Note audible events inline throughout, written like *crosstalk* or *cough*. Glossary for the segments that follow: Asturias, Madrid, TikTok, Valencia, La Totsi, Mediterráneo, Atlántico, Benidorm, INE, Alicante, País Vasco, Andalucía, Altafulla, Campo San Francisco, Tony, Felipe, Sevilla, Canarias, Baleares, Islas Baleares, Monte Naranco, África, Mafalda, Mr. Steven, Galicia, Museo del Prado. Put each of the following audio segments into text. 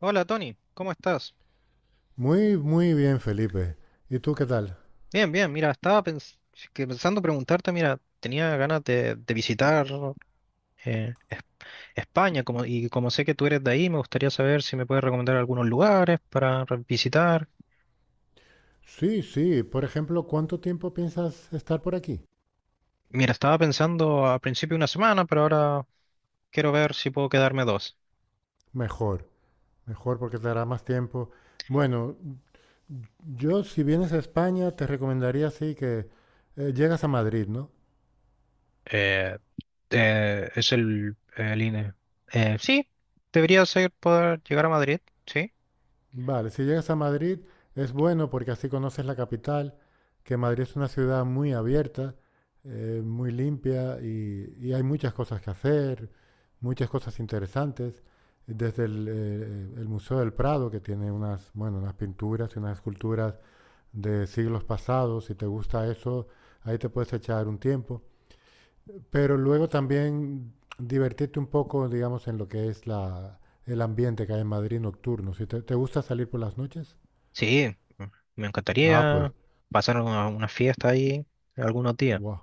Hola Tony, ¿cómo estás? Muy, muy bien, Felipe. ¿Y tú qué tal? Bien, bien, mira, que pensando preguntarte. Mira, tenía ganas de visitar eh, Es- España. Como, y como sé que tú eres de ahí, me gustaría saber si me puedes recomendar algunos lugares para visitar. Sí, sí. Por ejemplo, ¿cuánto tiempo piensas estar por aquí? Mira, estaba pensando a principio de una semana, pero ahora quiero ver si puedo quedarme dos. Mejor, mejor porque te dará más tiempo. Bueno, yo si vienes a España te recomendaría sí que llegas a Madrid, ¿no? Eh, es el INE. Sí, debería ser poder llegar a Madrid, sí. Vale, si llegas a Madrid es bueno porque así conoces la capital, que Madrid es una ciudad muy abierta, muy limpia y hay muchas cosas que hacer, muchas cosas interesantes, desde el Museo del Prado, que tiene unas, bueno, unas pinturas y unas esculturas de siglos pasados, si te gusta eso, ahí te puedes echar un tiempo, pero luego también divertirte un poco, digamos, en lo que es el ambiente que hay en Madrid nocturno. ¿Si te gusta salir por las noches? Sí, me Ah, pues, encantaría pasar una fiesta ahí algunos días. wow.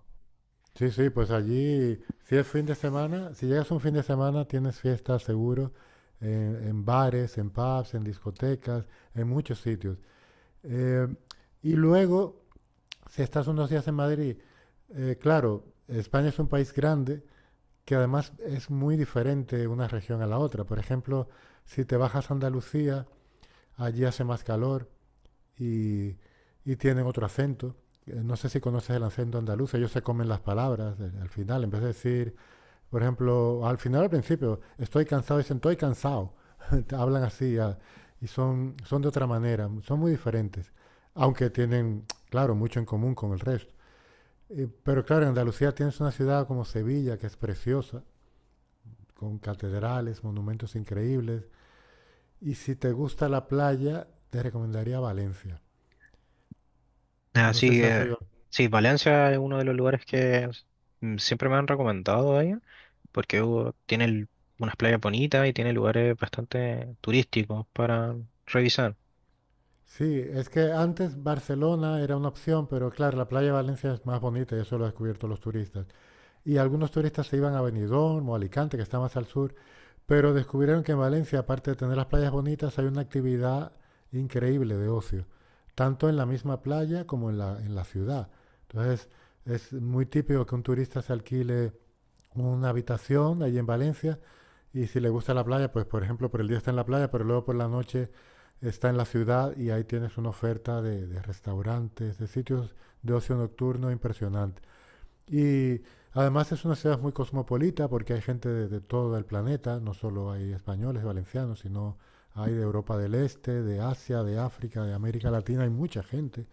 Sí, sí, pues allí, si es fin de semana, si llegas un fin de semana, tienes fiestas seguro en bares, en pubs, en discotecas, en muchos sitios. Eh, y luego, si estás unos días en Madrid, claro, España es un país grande que además es muy diferente una región a la otra. Por ejemplo, si te bajas a Andalucía, allí hace más calor, y, y tienen otro acento. No sé si conoces el acento andaluz, ellos se comen las palabras al final, en vez de decir, por ejemplo, al final, al principio, estoy cansado, dicen, estoy cansado. *laughs* Hablan así ah, y son de otra manera, son muy diferentes, aunque tienen, claro, mucho en común con el resto. Pero claro, en Andalucía tienes una ciudad como Sevilla, que es preciosa, con catedrales, monumentos increíbles. Y si te gusta la playa, te recomendaría Valencia. No Así sé si has que oído. sí, Valencia es uno de los lugares que siempre me han recomendado ahí, porque unas playas bonitas y tiene lugares bastante turísticos para revisar. Sí, es que antes Barcelona era una opción, pero claro, la playa de Valencia es más bonita y eso lo han descubierto los turistas. Y algunos turistas se iban a Benidorm o Alicante, que está más al sur, pero descubrieron que en Valencia, aparte de tener las playas bonitas, hay una actividad increíble de ocio, tanto en la misma playa como en la ciudad. Entonces, es muy típico que un turista se alquile una habitación allí en Valencia y si le gusta la playa, pues por ejemplo por el día está en la playa, pero luego por la noche está en la ciudad y ahí tienes una oferta de restaurantes, de sitios de ocio nocturno impresionante. Y además es una ciudad muy cosmopolita porque hay gente de todo el planeta, no solo hay españoles, valencianos, sino hay de Europa del Este, de Asia, de África, de América Latina, hay mucha gente.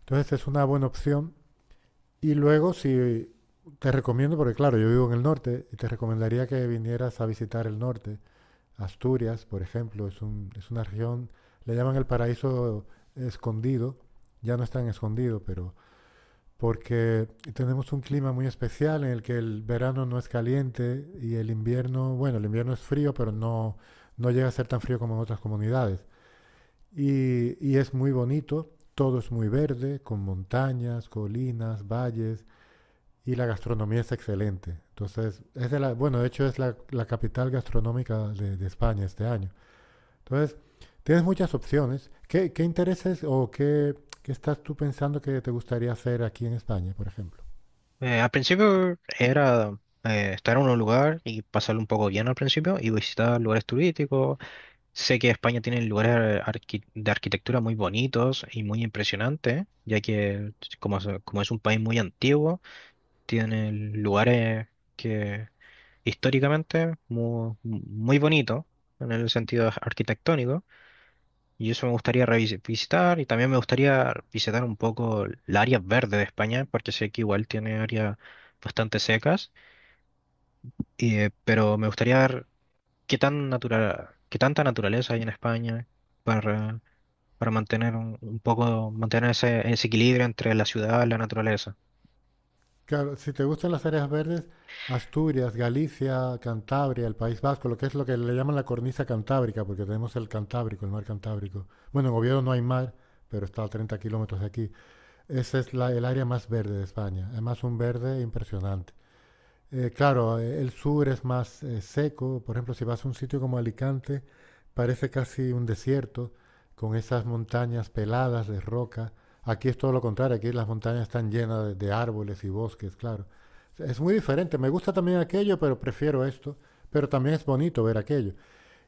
Entonces es una buena opción y luego, si te recomiendo, porque claro, yo vivo en el norte, y te recomendaría que vinieras a visitar el norte. Asturias, por ejemplo, es una región, le llaman el paraíso escondido, ya no es tan escondido, pero porque tenemos un clima muy especial en el que el verano no es caliente y el invierno, bueno, el invierno es frío, pero no llega a ser tan frío como en otras comunidades. Y es muy bonito, todo es muy verde, con montañas, colinas, valles, y la gastronomía es excelente. Entonces, es de la, bueno, de hecho es la capital gastronómica de España este año. Entonces, tienes muchas opciones. ¿Qué intereses o qué, estás tú pensando que te gustaría hacer aquí en España, por ejemplo? Al principio era estar en un lugar y pasarlo un poco bien al principio y visitar lugares turísticos. Sé que España tiene lugares de arquitectura muy bonitos y muy impresionantes, ya que como es un país muy antiguo, tiene lugares que históricamente muy bonito en el sentido arquitectónico, y eso me gustaría visitar. Y también me gustaría visitar un poco el área verde de España, porque sé que igual tiene áreas bastante secas y, pero me gustaría ver qué tan natural, qué tanta naturaleza hay en España para mantener un poco mantener ese, ese equilibrio entre la ciudad y la naturaleza. Claro, si te gustan las áreas verdes, Asturias, Galicia, Cantabria, el País Vasco, lo que es lo que le llaman la cornisa cantábrica, porque tenemos el Cantábrico, el mar Cantábrico. Bueno, en Oviedo no hay mar, pero está a 30 kilómetros de aquí. Ese es el área más verde de España. Además, un verde impresionante. Claro, el sur es más seco. Por ejemplo, si vas a un sitio como Alicante, parece casi un desierto con esas montañas peladas de roca. Aquí es todo lo contrario, aquí las montañas están llenas de árboles y bosques, claro. Es muy diferente. Me gusta también aquello, pero prefiero esto. Pero también es bonito ver aquello.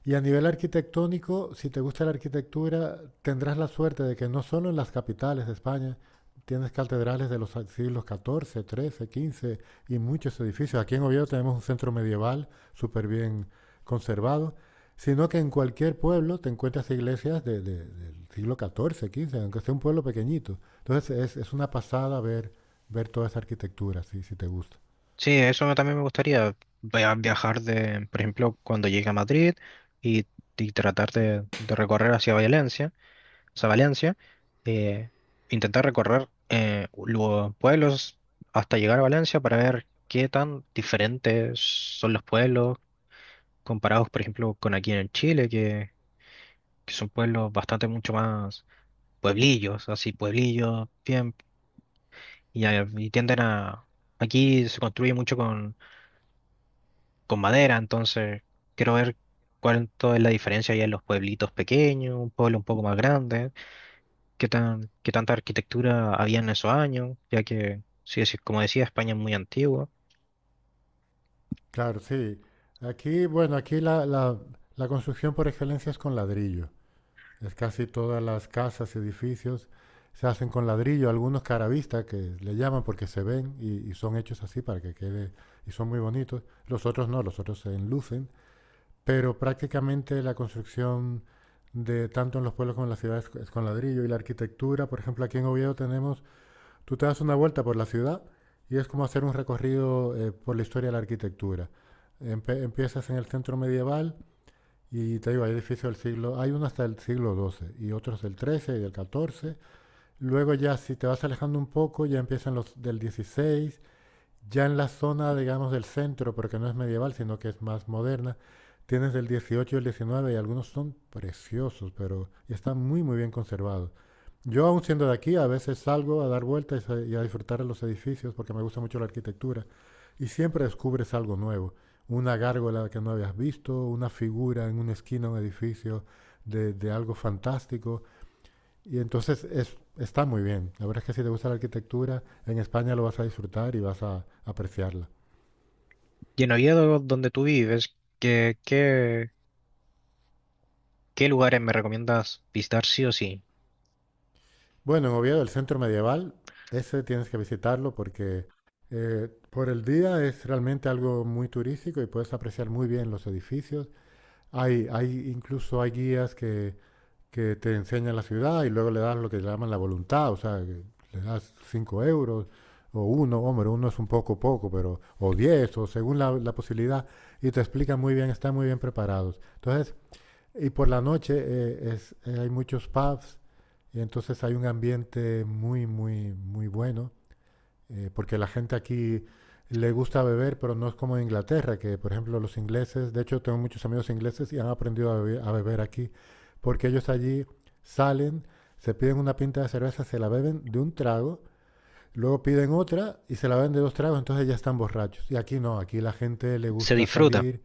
Y a nivel arquitectónico, si te gusta la arquitectura, tendrás la suerte de que no solo en las capitales de España tienes catedrales de los siglos XIV, XIII, XV y muchos edificios. Aquí en Oviedo tenemos un centro medieval súper bien conservado, sino que en cualquier pueblo te encuentras iglesias del siglo XIV, XV, aunque sea un pueblo pequeñito. Entonces es una pasada ver toda esa arquitectura, si te gusta. Sí, eso también me gustaría viajar de, por ejemplo, cuando llegue a Madrid y, y tratar de recorrer hacia Valencia, hacia Valencia, eh, intentar recorrer los pueblos hasta llegar a Valencia, para ver qué tan diferentes son los pueblos comparados, por ejemplo, con aquí en Chile, que son pueblos bastante mucho más pueblillos, así pueblillos, bien. Y, y tienden a, aquí se construye mucho con madera. Entonces quiero ver cuánto es la diferencia ya en los pueblitos pequeños, un pueblo un poco más grande, qué tan, qué tanta arquitectura había en esos años, ya que, sí, sí, como decía, España es muy antigua. Claro, sí. Aquí, bueno, aquí la construcción por excelencia es con ladrillo. Es casi todas las casas y edificios se hacen con ladrillo, algunos caravista que le llaman porque se ven y son hechos así para que quede, y son muy bonitos. Los otros no, los otros se enlucen, pero prácticamente la construcción de tanto en los pueblos como en las ciudades es con ladrillo y la arquitectura, por ejemplo, aquí en Oviedo tenemos. Tú te das una vuelta por la ciudad y es como hacer un recorrido por la historia de la arquitectura. Empiezas en el centro medieval y te digo, hay edificios del siglo, hay uno hasta el siglo XII y otros del XIII y del XIV. Luego ya si te vas alejando un poco ya empiezan los del XVI ya en la zona, digamos, del centro, porque no es medieval, sino que es más moderna, tienes del 18 y el 19 y algunos son preciosos, pero y están muy, muy bien conservados. Yo, aún siendo de aquí, a veces salgo a dar vueltas y a disfrutar de los edificios porque me gusta mucho la arquitectura y siempre descubres algo nuevo. Una gárgola que no habías visto, una figura en una esquina de un edificio de algo fantástico. Y entonces está muy bien. La verdad es que si te gusta la arquitectura, en España lo vas a disfrutar y vas a apreciarla. Y en Oviedo, donde tú vives, ¿qué, qué, qué lugares me recomiendas visitar sí o sí? Bueno, en Oviedo, el centro medieval, ese tienes que visitarlo porque por el día es realmente algo muy turístico y puedes apreciar muy bien los edificios. Hay incluso hay guías que te enseña la ciudad y luego le das lo que llaman la voluntad, o sea, que le das 5 euros o uno, hombre, uno es un poco poco, pero o 10 o según la posibilidad y te explican muy bien, están muy bien preparados. Entonces, y por la noche hay muchos pubs y entonces hay un ambiente muy, muy, muy bueno porque la gente aquí le gusta beber, pero no es como en Inglaterra, que por ejemplo los ingleses, de hecho tengo muchos amigos ingleses y han aprendido a beber aquí, porque ellos allí salen, se piden una pinta de cerveza, se la beben de un trago, luego piden otra y se la beben de dos tragos, entonces ya están borrachos. Y aquí no, aquí la gente le Se gusta disfruta. salir.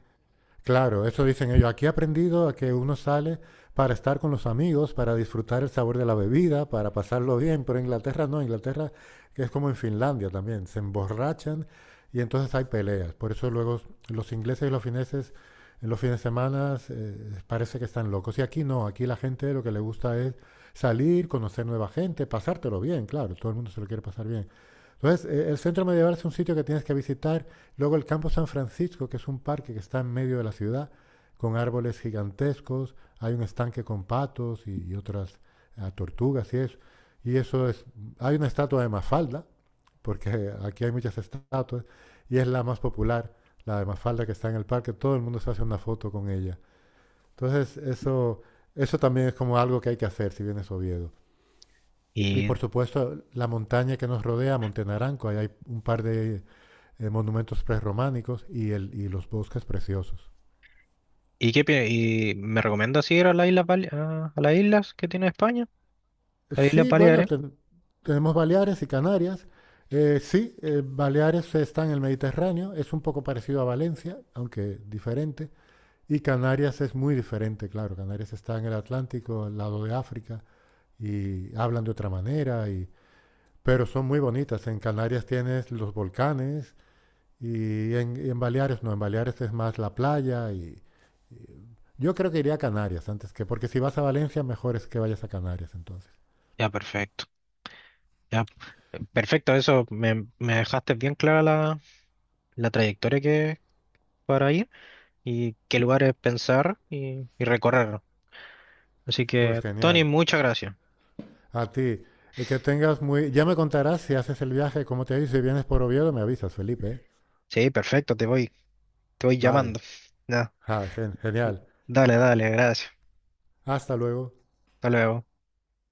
Claro, eso dicen ellos. Aquí he aprendido a que uno sale para estar con los amigos, para disfrutar el sabor de la bebida, para pasarlo bien, pero en Inglaterra no, Inglaterra que es como en Finlandia también, se emborrachan y entonces hay peleas. Por eso luego los ingleses y los fineses en los fines de semana parece que están locos. Y aquí no, aquí la gente lo que le gusta es salir, conocer nueva gente, pasártelo bien, claro, todo el mundo se lo quiere pasar bien. Entonces, el centro medieval es un sitio que tienes que visitar. Luego el Campo San Francisco, que es un parque que está en medio de la ciudad, con árboles gigantescos, hay un estanque con patos y otras tortugas y eso. Y eso es, hay una estatua de Mafalda, porque aquí hay muchas estatuas, y es la más popular, la de Mafalda que está en el parque, todo el mundo se hace una foto con ella. Entonces eso también es como algo que hay que hacer si vienes a Oviedo. Y ¿Y, por supuesto la montaña que nos rodea, Monte Naranco, ahí hay un par de monumentos prerrománicos y los bosques preciosos. y qué, y me recomiendas ir a las islas, a las islas que tiene España? A las Islas Sí, bueno, Baleares. tenemos Baleares y Canarias. Sí, Baleares está en el Mediterráneo, es un poco parecido a Valencia, aunque diferente. Y Canarias es muy diferente, claro. Canarias está en el Atlántico, al lado de África, y hablan de otra manera, pero son muy bonitas. En Canarias tienes los volcanes y en Baleares no, en Baleares es más la playa yo creo que iría a Canarias antes que, porque si vas a Valencia, mejor es que vayas a Canarias entonces. Ya, perfecto. Ya, perfecto, eso me, me dejaste bien clara la, la trayectoria que para ir y qué lugares pensar y recorrer. Así Pues que, Tony, genial. muchas gracias. A ti, que tengas muy... Ya me contarás si haces el viaje, cómo te dice, si vienes por Oviedo, me avisas, Felipe. ¿Eh? Sí, perfecto, te voy Vale. llamando. Ya, Ah, genial. dale, dale, gracias. Hasta luego. Hasta luego.